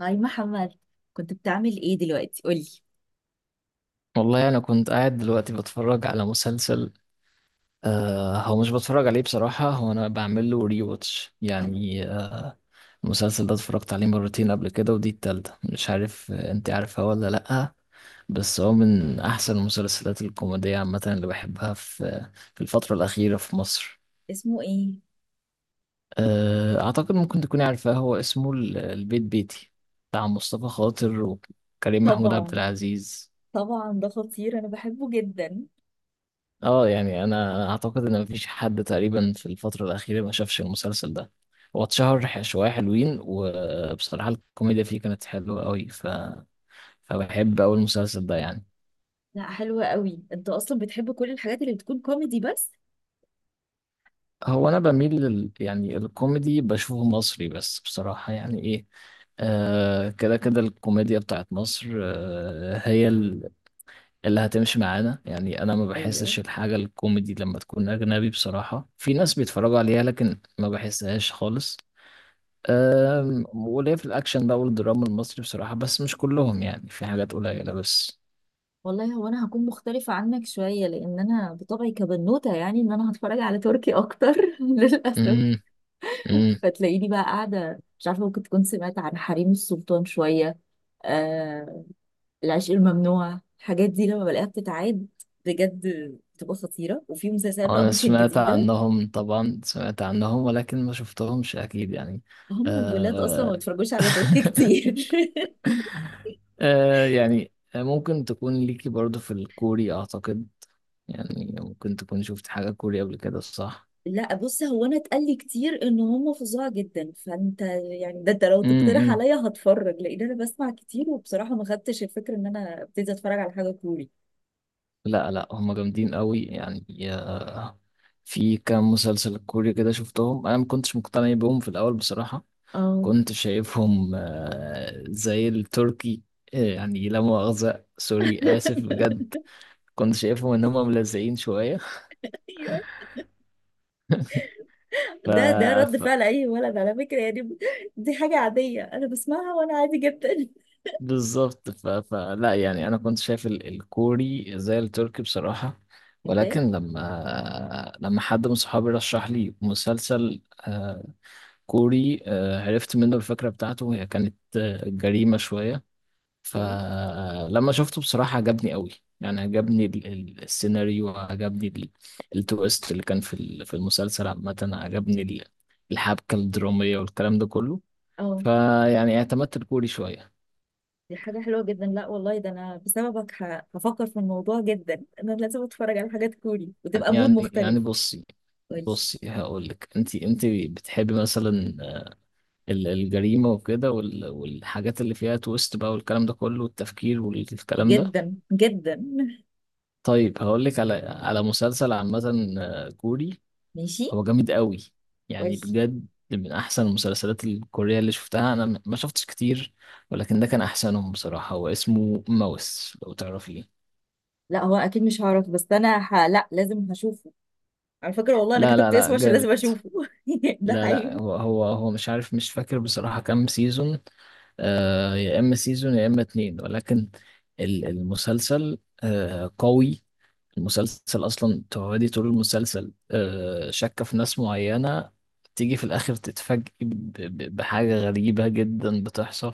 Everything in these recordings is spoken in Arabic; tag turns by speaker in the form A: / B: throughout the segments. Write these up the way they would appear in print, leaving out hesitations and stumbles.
A: هاي محمد. كنت بتعمل ايه دلوقتي؟ قولي.
B: والله أنا كنت قاعد دلوقتي بتفرج على مسلسل. هو مش بتفرج عليه بصراحة، هو أنا بعمل له ري واتش يعني. المسلسل ده اتفرجت عليه مرتين قبل كده ودي التالتة مش عارف. أنت عارفها ولا لأ؟ بس هو من أحسن المسلسلات الكوميدية عامة اللي بحبها في الفترة الأخيرة في مصر.
A: اسمه ايه؟
B: آه، أعتقد ممكن تكوني عارفاه، هو اسمه البيت بيتي، بتاع مصطفى خاطر وكريم محمود عبد
A: طبعا،
B: العزيز.
A: طبعا، ده خطير. انا بحبه جدا.
B: اه، يعني انا اعتقد ان مفيش حد تقريبا في الفتره الاخيره ما شافش المسلسل ده. هو اتشهر شويه حلوين، وبصراحه الكوميديا فيه كانت حلوه قوي، فبحب أوي المسلسل ده يعني.
A: لا، حلوة قوي. انت اصلا بتحب كل الحاجات اللي بتكون كوميدي بس.
B: هو انا بميل يعني الكوميدي بشوفه مصري، بس بصراحه يعني ايه، كده كده الكوميديا بتاعت مصر. هي اللي هتمشي معانا يعني. انا ما
A: ايوه.
B: بحسش الحاجة الكوميدي لما تكون اجنبي بصراحة، في ناس بيتفرجوا عليها لكن ما بحسهاش خالص. وليه في الأكشن بقى والدراما المصري بصراحة، بس مش كلهم، يعني في حاجات قليلة بس.
A: والله هو انا هكون مختلفة عنك شوية، لان انا بطبعي كبنوتة يعني ان انا هتفرج على تركي اكتر. للاسف.
B: امم. امم.
A: فتلاقيني بقى قاعدة، مش عارفة، ممكن تكون سمعت عن حريم السلطان شوية. آه، العشق الممنوع، الحاجات دي لما بلاقيها بتتعاد. بجد. بتبقى خطيرة، وفي مسلسلات بقى
B: أنا
A: ممكن
B: سمعت
A: جديدة.
B: عنهم طبعا، سمعت عنهم ولكن ما شفتهمش أكيد يعني.
A: هم الولاد أصلا ما
B: أه...
A: بيتفرجوش على تركي كتير.
B: يعني ممكن تكون ليكي برضو في الكوري أعتقد، يعني ممكن تكون شفت حاجة كوري قبل كده، صح؟
A: لا، بص، هو أنا اتقال لي كتير إن هم فظاع جدا. فأنت يعني ده أنت لو تقترح
B: امم.
A: عليا هتفرج، لأن أنا بسمع كتير، وبصراحة ما خدتش الفكرة إن أنا ابتدي أتفرج على حاجة كوري.
B: لا لا، هم جامدين قوي يعني. في كام مسلسل كوري كده شفتهم، انا ما كنتش مقتنع بيهم في الاول بصراحة،
A: اه.
B: كنت شايفهم زي التركي. يعني لا مؤاخذة، سوري، آسف بجد. كنت شايفهم إن هم ملزقين شوية.
A: ايوه،
B: ف...
A: ده رد
B: ف...
A: فعل اي ولد على فكره يعني. دي حاجه عاديه، انا بسمعها وانا عادي جدا.
B: بالظبط. فلا يعني، أنا كنت شايف الكوري زي التركي بصراحة،
A: اوكي.
B: ولكن لما حد من صحابي رشح لي مسلسل كوري، عرفت منه الفكرة بتاعته، هي كانت جريمة شوية.
A: اوكي.
B: فلما شفته بصراحة عجبني قوي، يعني عجبني السيناريو، عجبني التويست اللي كان في المسلسل عامة، عجبني الحبكة الدرامية والكلام ده كله.
A: اه.
B: فيعني اعتمدت الكوري شوية.
A: دي حاجة حلوة جدا. لا والله، ده أنا بسببك هفكر في الموضوع جدا. أنا لازم أتفرج على حاجات كوري وتبقى مود
B: يعني
A: مختلف.
B: بصي.
A: قولي.
B: بصي، هقول لك، انت بتحبي مثلا الجريمة وكده والحاجات اللي فيها تويست بقى والكلام ده كله والتفكير والكلام ده.
A: جدا جدا.
B: طيب هقول لك على مسلسل عامة كوري.
A: ماشي.
B: هو جامد قوي، يعني
A: قولي.
B: بجد من احسن المسلسلات الكورية اللي شفتها، انا ما شفتش كتير، ولكن ده كان احسنهم بصراحة. هو اسمه ماوس، لو تعرفيه.
A: لا، هو أكيد مش هعرف. بس أنا لا، لازم هشوفه. على فكرة والله أنا
B: لا لا
A: كتبت
B: لا،
A: اسمه عشان
B: جامد.
A: لازم أشوفه. ده
B: لا لا،
A: حقيقي.
B: هو مش عارف، مش فاكر بصراحة كام سيزون. يا اما سيزون يا اما 2، ولكن المسلسل قوي. المسلسل اصلا تقعدي طول المسلسل شاكة في ناس معينة، تيجي في الاخر تتفاجئي بحاجة غريبة جدا بتحصل.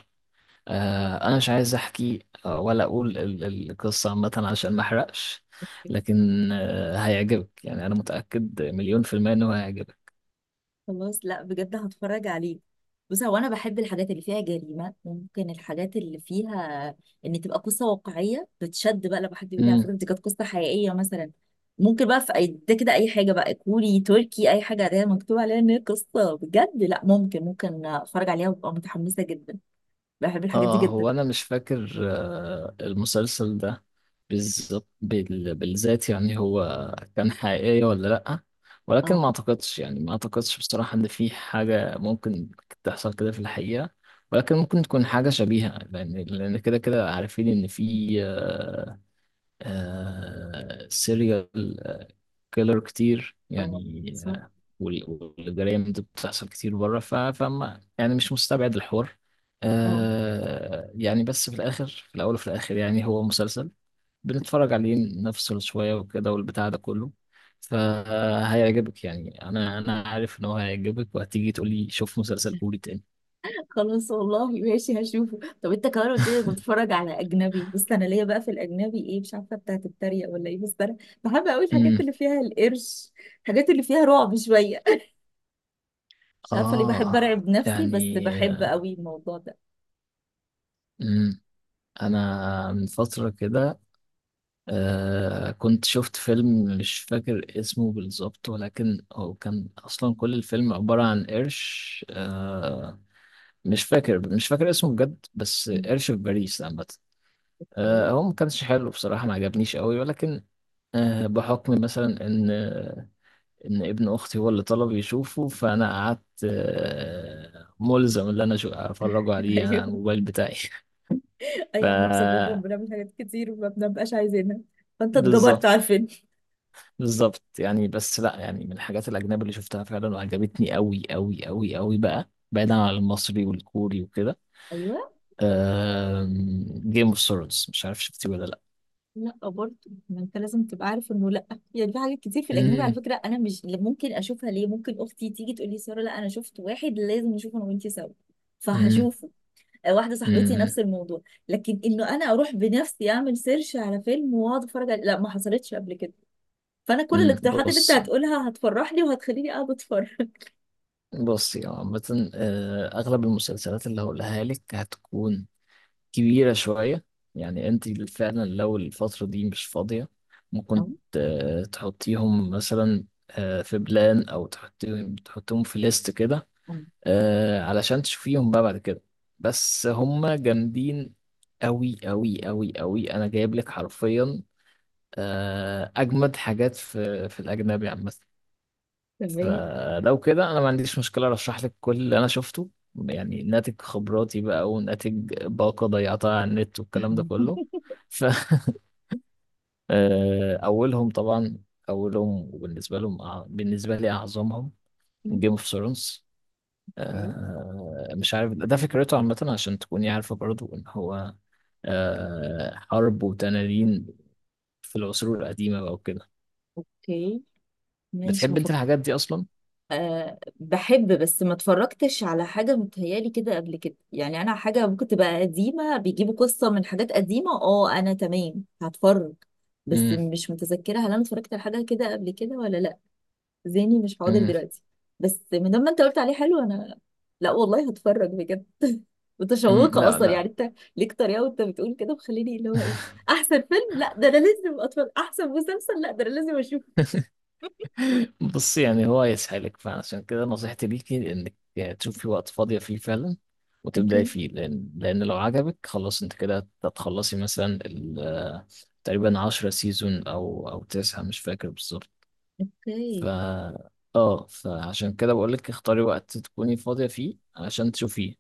B: انا مش عايز احكي ولا اقول القصه عامه عشان ما احرقش، لكن هيعجبك، يعني انا متاكد مليون في الميه انه هيعجبك.
A: خلاص. لا بجد، هتفرج عليه. بص، هو انا بحب الحاجات اللي فيها جريمه، ممكن الحاجات اللي فيها ان تبقى قصه واقعيه، بتشد بقى لما حد يقول لي على
B: امم.
A: فكره دي كانت قصه حقيقيه مثلا. ممكن بقى في اي ده كده، اي حاجه بقى كوري تركي، اي حاجه ده مكتوب عليها ان هي قصه بجد، لا ممكن اتفرج عليها وابقى متحمسه جدا. بحب الحاجات دي
B: اه،
A: جدا.
B: هو انا مش فاكر المسلسل ده بالظبط، بالذات يعني، هو كان حقيقيه ولا لا، ولكن
A: اه،
B: ما اعتقدش، يعني ما اعتقدش بصراحه ان في حاجه ممكن تحصل كده في الحقيقه، ولكن ممكن تكون حاجه شبيهه، لان كده كده عارفين ان في سيريال كيلر كتير
A: اه،
B: يعني
A: صح.
B: وال- والجرائم دي بتحصل كتير بره، فما يعني مش مستبعد الحوار.
A: اه.
B: يعني بس في الآخر، في الأول وفي الآخر يعني هو مسلسل بنتفرج عليه، نفصل شوية وكده والبتاع ده كله، فهيعجبك يعني. أنا عارف إن هو هيعجبك وهتيجي تقولي شوف مسلسل كوري تاني.
A: خلاص والله، ماشي هشوفه. طب انت كمان قلت لي كنت بتتفرج على اجنبي. بص، انا ليا بقى في الاجنبي ايه؟ مش عارفه بتاعت التريق ولا ايه، بس انا بحب قوي الحاجات
B: امم.
A: اللي فيها القرش، الحاجات اللي فيها رعب شويه. مش عارفه ليه بحب ارعب نفسي، بس
B: يعني
A: بحب قوي الموضوع ده.
B: امم. أنا من فترة كده كنت شفت فيلم مش فاكر اسمه بالظبط، ولكن هو كان أصلا كل الفيلم عبارة عن قرش مش فاكر اسمه بجد، بس
A: مم.
B: قرش في باريس عامة.
A: ايه؟
B: هو ما كانش حلو بصراحة، ما عجبنيش قوي، ولكن بحكم مثلا إن ابن أختي هو اللي طلب يشوفه، فأنا قعدت ملزم إن أنا أفرجه عليه يعني على
A: ايوه،
B: الموبايل بتاعي. ف
A: ايوه، احنا بسببهم بنعمل حاجات كتير وما بنبقاش عايزينها. فانت اتجبرت
B: بالظبط.
A: على الفيلم.
B: بالظبط يعني، بس لا يعني من الحاجات الأجنبي اللي شفتها فعلا وعجبتني قوي قوي قوي قوي بقى، بعيدا عن المصري والكوري وكده،
A: ايوه.
B: جيم اوف ثرونز، مش عارف شفتيه ولا لا.
A: لا برضه. ما انت لازم تبقى عارف انه لا. يعني في حاجات كتير في الاجنبي على
B: أمم.
A: فكره انا مش ممكن اشوفها، ليه؟ ممكن اختي تيجي تقول لي: ساره، لا انا شفت واحد لازم نشوفه انا وانتي سوا.
B: أمم.
A: فهشوفه. آه، واحده صاحبتي
B: أمم.
A: نفس الموضوع. لكن انه انا اروح بنفسي اعمل سيرش على فيلم واقعد اتفرج عليه، لا ما حصلتش قبل كده. فانا كل
B: أمم.
A: الاقتراحات اللي انت
B: بص.
A: هتقولها هتفرحني وهتخليني قاعده اتفرج.
B: بص يا عامة، أغلب المسلسلات اللي هقولها لك هتكون كبيرة شوية، يعني أنت فعلا لو الفترة دي مش فاضية ممكن
A: أه،
B: تحطيهم مثلا في بلان، أو تحطيهم في ليست كده
A: أه،
B: علشان تشوفيهم بقى بعد كده، بس هم جامدين أوي أوي أوي أوي، أنا جايب لك حرفيا أجمد حاجات في الأجنبي عامة.
A: تمام.
B: فلو كده أنا ما عنديش مشكلة أرشح لك كل اللي أنا شفته، يعني ناتج خبراتي بقى وناتج باقة ضيعتها على النت والكلام ده كله. ف أولهم طبعا، أولهم وبالنسبة لهم، بالنسبة لي أعظمهم، جيم اوف ثرونز.
A: اوكي،
B: مش عارف ده فكرته عامة عشان تكوني عارفة برضو إن هو حرب وتنانين في العصور القديمة بقى وكده.
A: اوكي، ماشي
B: بتحب أنت
A: مفكرة.
B: الحاجات دي أصلا؟
A: أه بحب، بس ما اتفرجتش على حاجة متهيالي كده قبل كده. يعني أنا حاجة ممكن تبقى قديمة بيجيبوا قصة من حاجات قديمة، اه أنا تمام هتفرج. بس
B: مم.
A: مش متذكرة هل أنا اتفرجت على حاجة كده قبل كده ولا لأ. ذهني مش حاضر
B: مم.
A: دلوقتي. بس من لما أنت قلت عليه حلو، أنا لأ والله، هتفرج بجد.
B: مم.
A: متشوقة
B: لا
A: أصلا.
B: لا.
A: يعني أنت ليك طريقة وأنت بتقول كده مخليني، اللي هو إيه؟ أحسن فيلم؟ لأ، ده أنا لازم أتفرج. أحسن مسلسل؟ لأ، ده أنا لازم أشوفه.
B: بصي يعني هو يسحلك، فعشان كده نصيحتي ليكي إنك تشوفي وقت فاضية فيه فعلا وتبدأي
A: اوكي،
B: فيه، لأن لو عجبك خلاص أنت كده هتخلصي مثلا تقريبا 10 سيزون أو 9، مش فاكر بالظبط. ف
A: اوكي،
B: اه فعشان كده بقول لك اختاري وقت تكوني فاضية فيه عشان تشوفيه.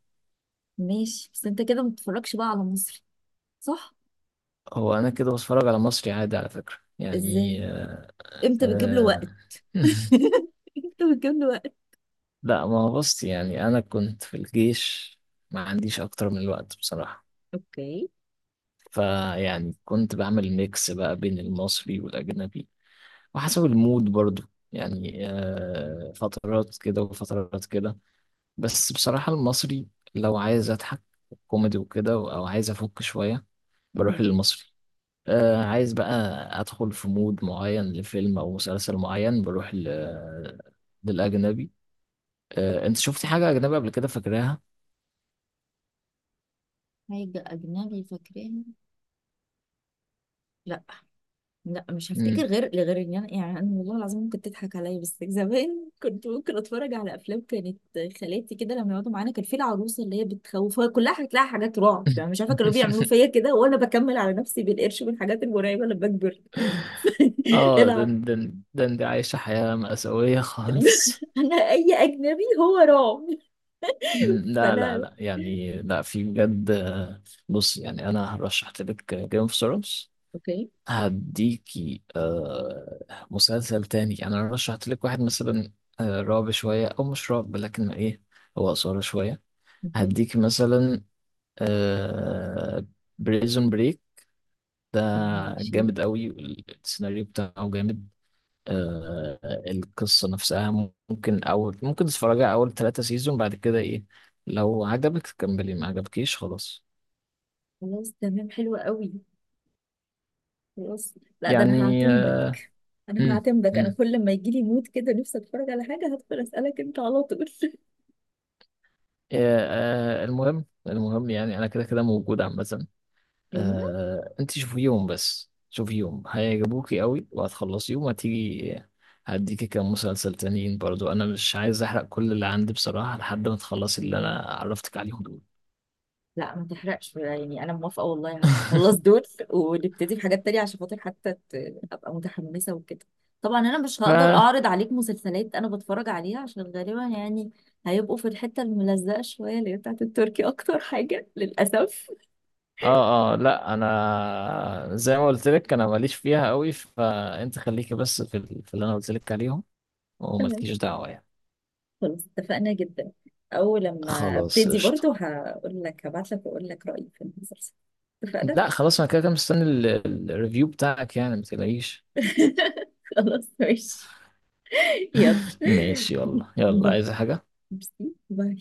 A: ماشي. بس انت كده ما بتتفرجش بقى على مصري؟ صح؟
B: هو انا كده بتفرج على مصري عادي على فكرة
A: ازاي؟
B: يعني.
A: امتى بتجيب له وقت؟
B: آه،
A: امتى بتجيب له وقت؟
B: لا ما هو بص يعني انا كنت في الجيش، ما عنديش اكتر من الوقت بصراحة،
A: اوكي.
B: فيعني كنت بعمل ميكس بقى بين المصري والاجنبي وحسب المود برضو، يعني فترات كده وفترات كده. بس بصراحة المصري، لو عايز اضحك كوميدي وكده او عايز افك شوية، بروح
A: مم.
B: للمصري. عايز بقى ادخل في مود معين لفيلم او مسلسل معين، بروح للاجنبي. انت شفتي حاجه اجنبي قبل كده فاكراها؟
A: حاجة أجنبي فاكراها؟ لا. لا مش هفتكر
B: مم.
A: غير ان انا يعني انا والله العظيم ممكن تضحك عليا بس زمان كنت ممكن اتفرج على افلام كانت خالاتي كده لما يقعدوا معانا، كان في العروسه اللي هي بتخوف، هو كلها هتلاقي حاجات رعب. يعني مش عارفه كانوا بيعملوا فيا كده، وانا بكمل على نفسي بالقرش من الحاجات المرعبه لما بكبر.
B: اه
A: انا
B: دن دن دن، دي عايشه حياه مأساويه خالص.
A: انا اي اجنبي هو رعب.
B: مم، لا لا
A: فانا
B: لا يعني، لا في بجد بص يعني انا هرشحت لك جيم اوف ثرونز،
A: اوكي،
B: هديكي مسلسل تاني، يعني انا رشحت لك واحد مثلا رعب شويه او مش رعب لكن ايه، هو اثاره شويه،
A: اوكي،
B: هديكي مثلا آه بريزون بريك، ده
A: ماشي.
B: جامد قوي، السيناريو بتاعه جامد آه القصه نفسها. ممكن تتفرجي على اول 3 سيزون بعد كده ايه، لو عجبك كملي، ما عجبكيش خلاص.
A: خلاص، تمام، حلو قوي. خلاص. لا، ده انا
B: يعني
A: هعتمدك.
B: آه،
A: انا
B: مم،
A: هعتمدك. انا
B: مم.
A: كل ما يجي لي مود كده نفسي اتفرج على حاجه، هدخل اسالك انت على طول.
B: المهم، المهم يعني انا كده كده موجود عامه.
A: ايوه.
B: انت شوفي يوم بس، شوفي يوم، هيعجبوكي قوي وهتخلصي يوم، هتيجي هديكي كام مسلسل تانيين برضو، انا مش عايز احرق كل اللي عندي بصراحه لحد ما تخلصي اللي انا عرفتك عليهم دول.
A: لا، ما تحرقش. يعني انا موافقه والله، هخلص دول ونبتدي بحاجات تانية عشان خاطر حتى ابقى متحمسه وكده. طبعا انا مش
B: ف
A: هقدر اعرض عليك مسلسلات انا بتفرج عليها، عشان غالبا يعني هيبقوا في الحته الملزقه شويه، اللي هي بتاعت التركي اكتر حاجه، للاسف.
B: اه اه، لا انا زي ما قلت لك انا ماليش فيها قوي، فانت خليكي بس في اللي انا قلت لك عليهم،
A: تمام.
B: ومالكيش دعوه يعني.
A: خلاص، اتفقنا جدا. أول لما
B: خلاص
A: أبتدي
B: قشطه.
A: برضو هقول لك، هبعت لك وأقول لك رأيي في المسلسل. اتفقنا.
B: لا خلاص انا كده كده مستني الريفيو بتاعك يعني، ما تلاقيش.
A: خلاص، ماشي. يلا.
B: ماشي، يلا يلا،
A: باي.
B: عايز حاجة؟
A: ميرسي. باي.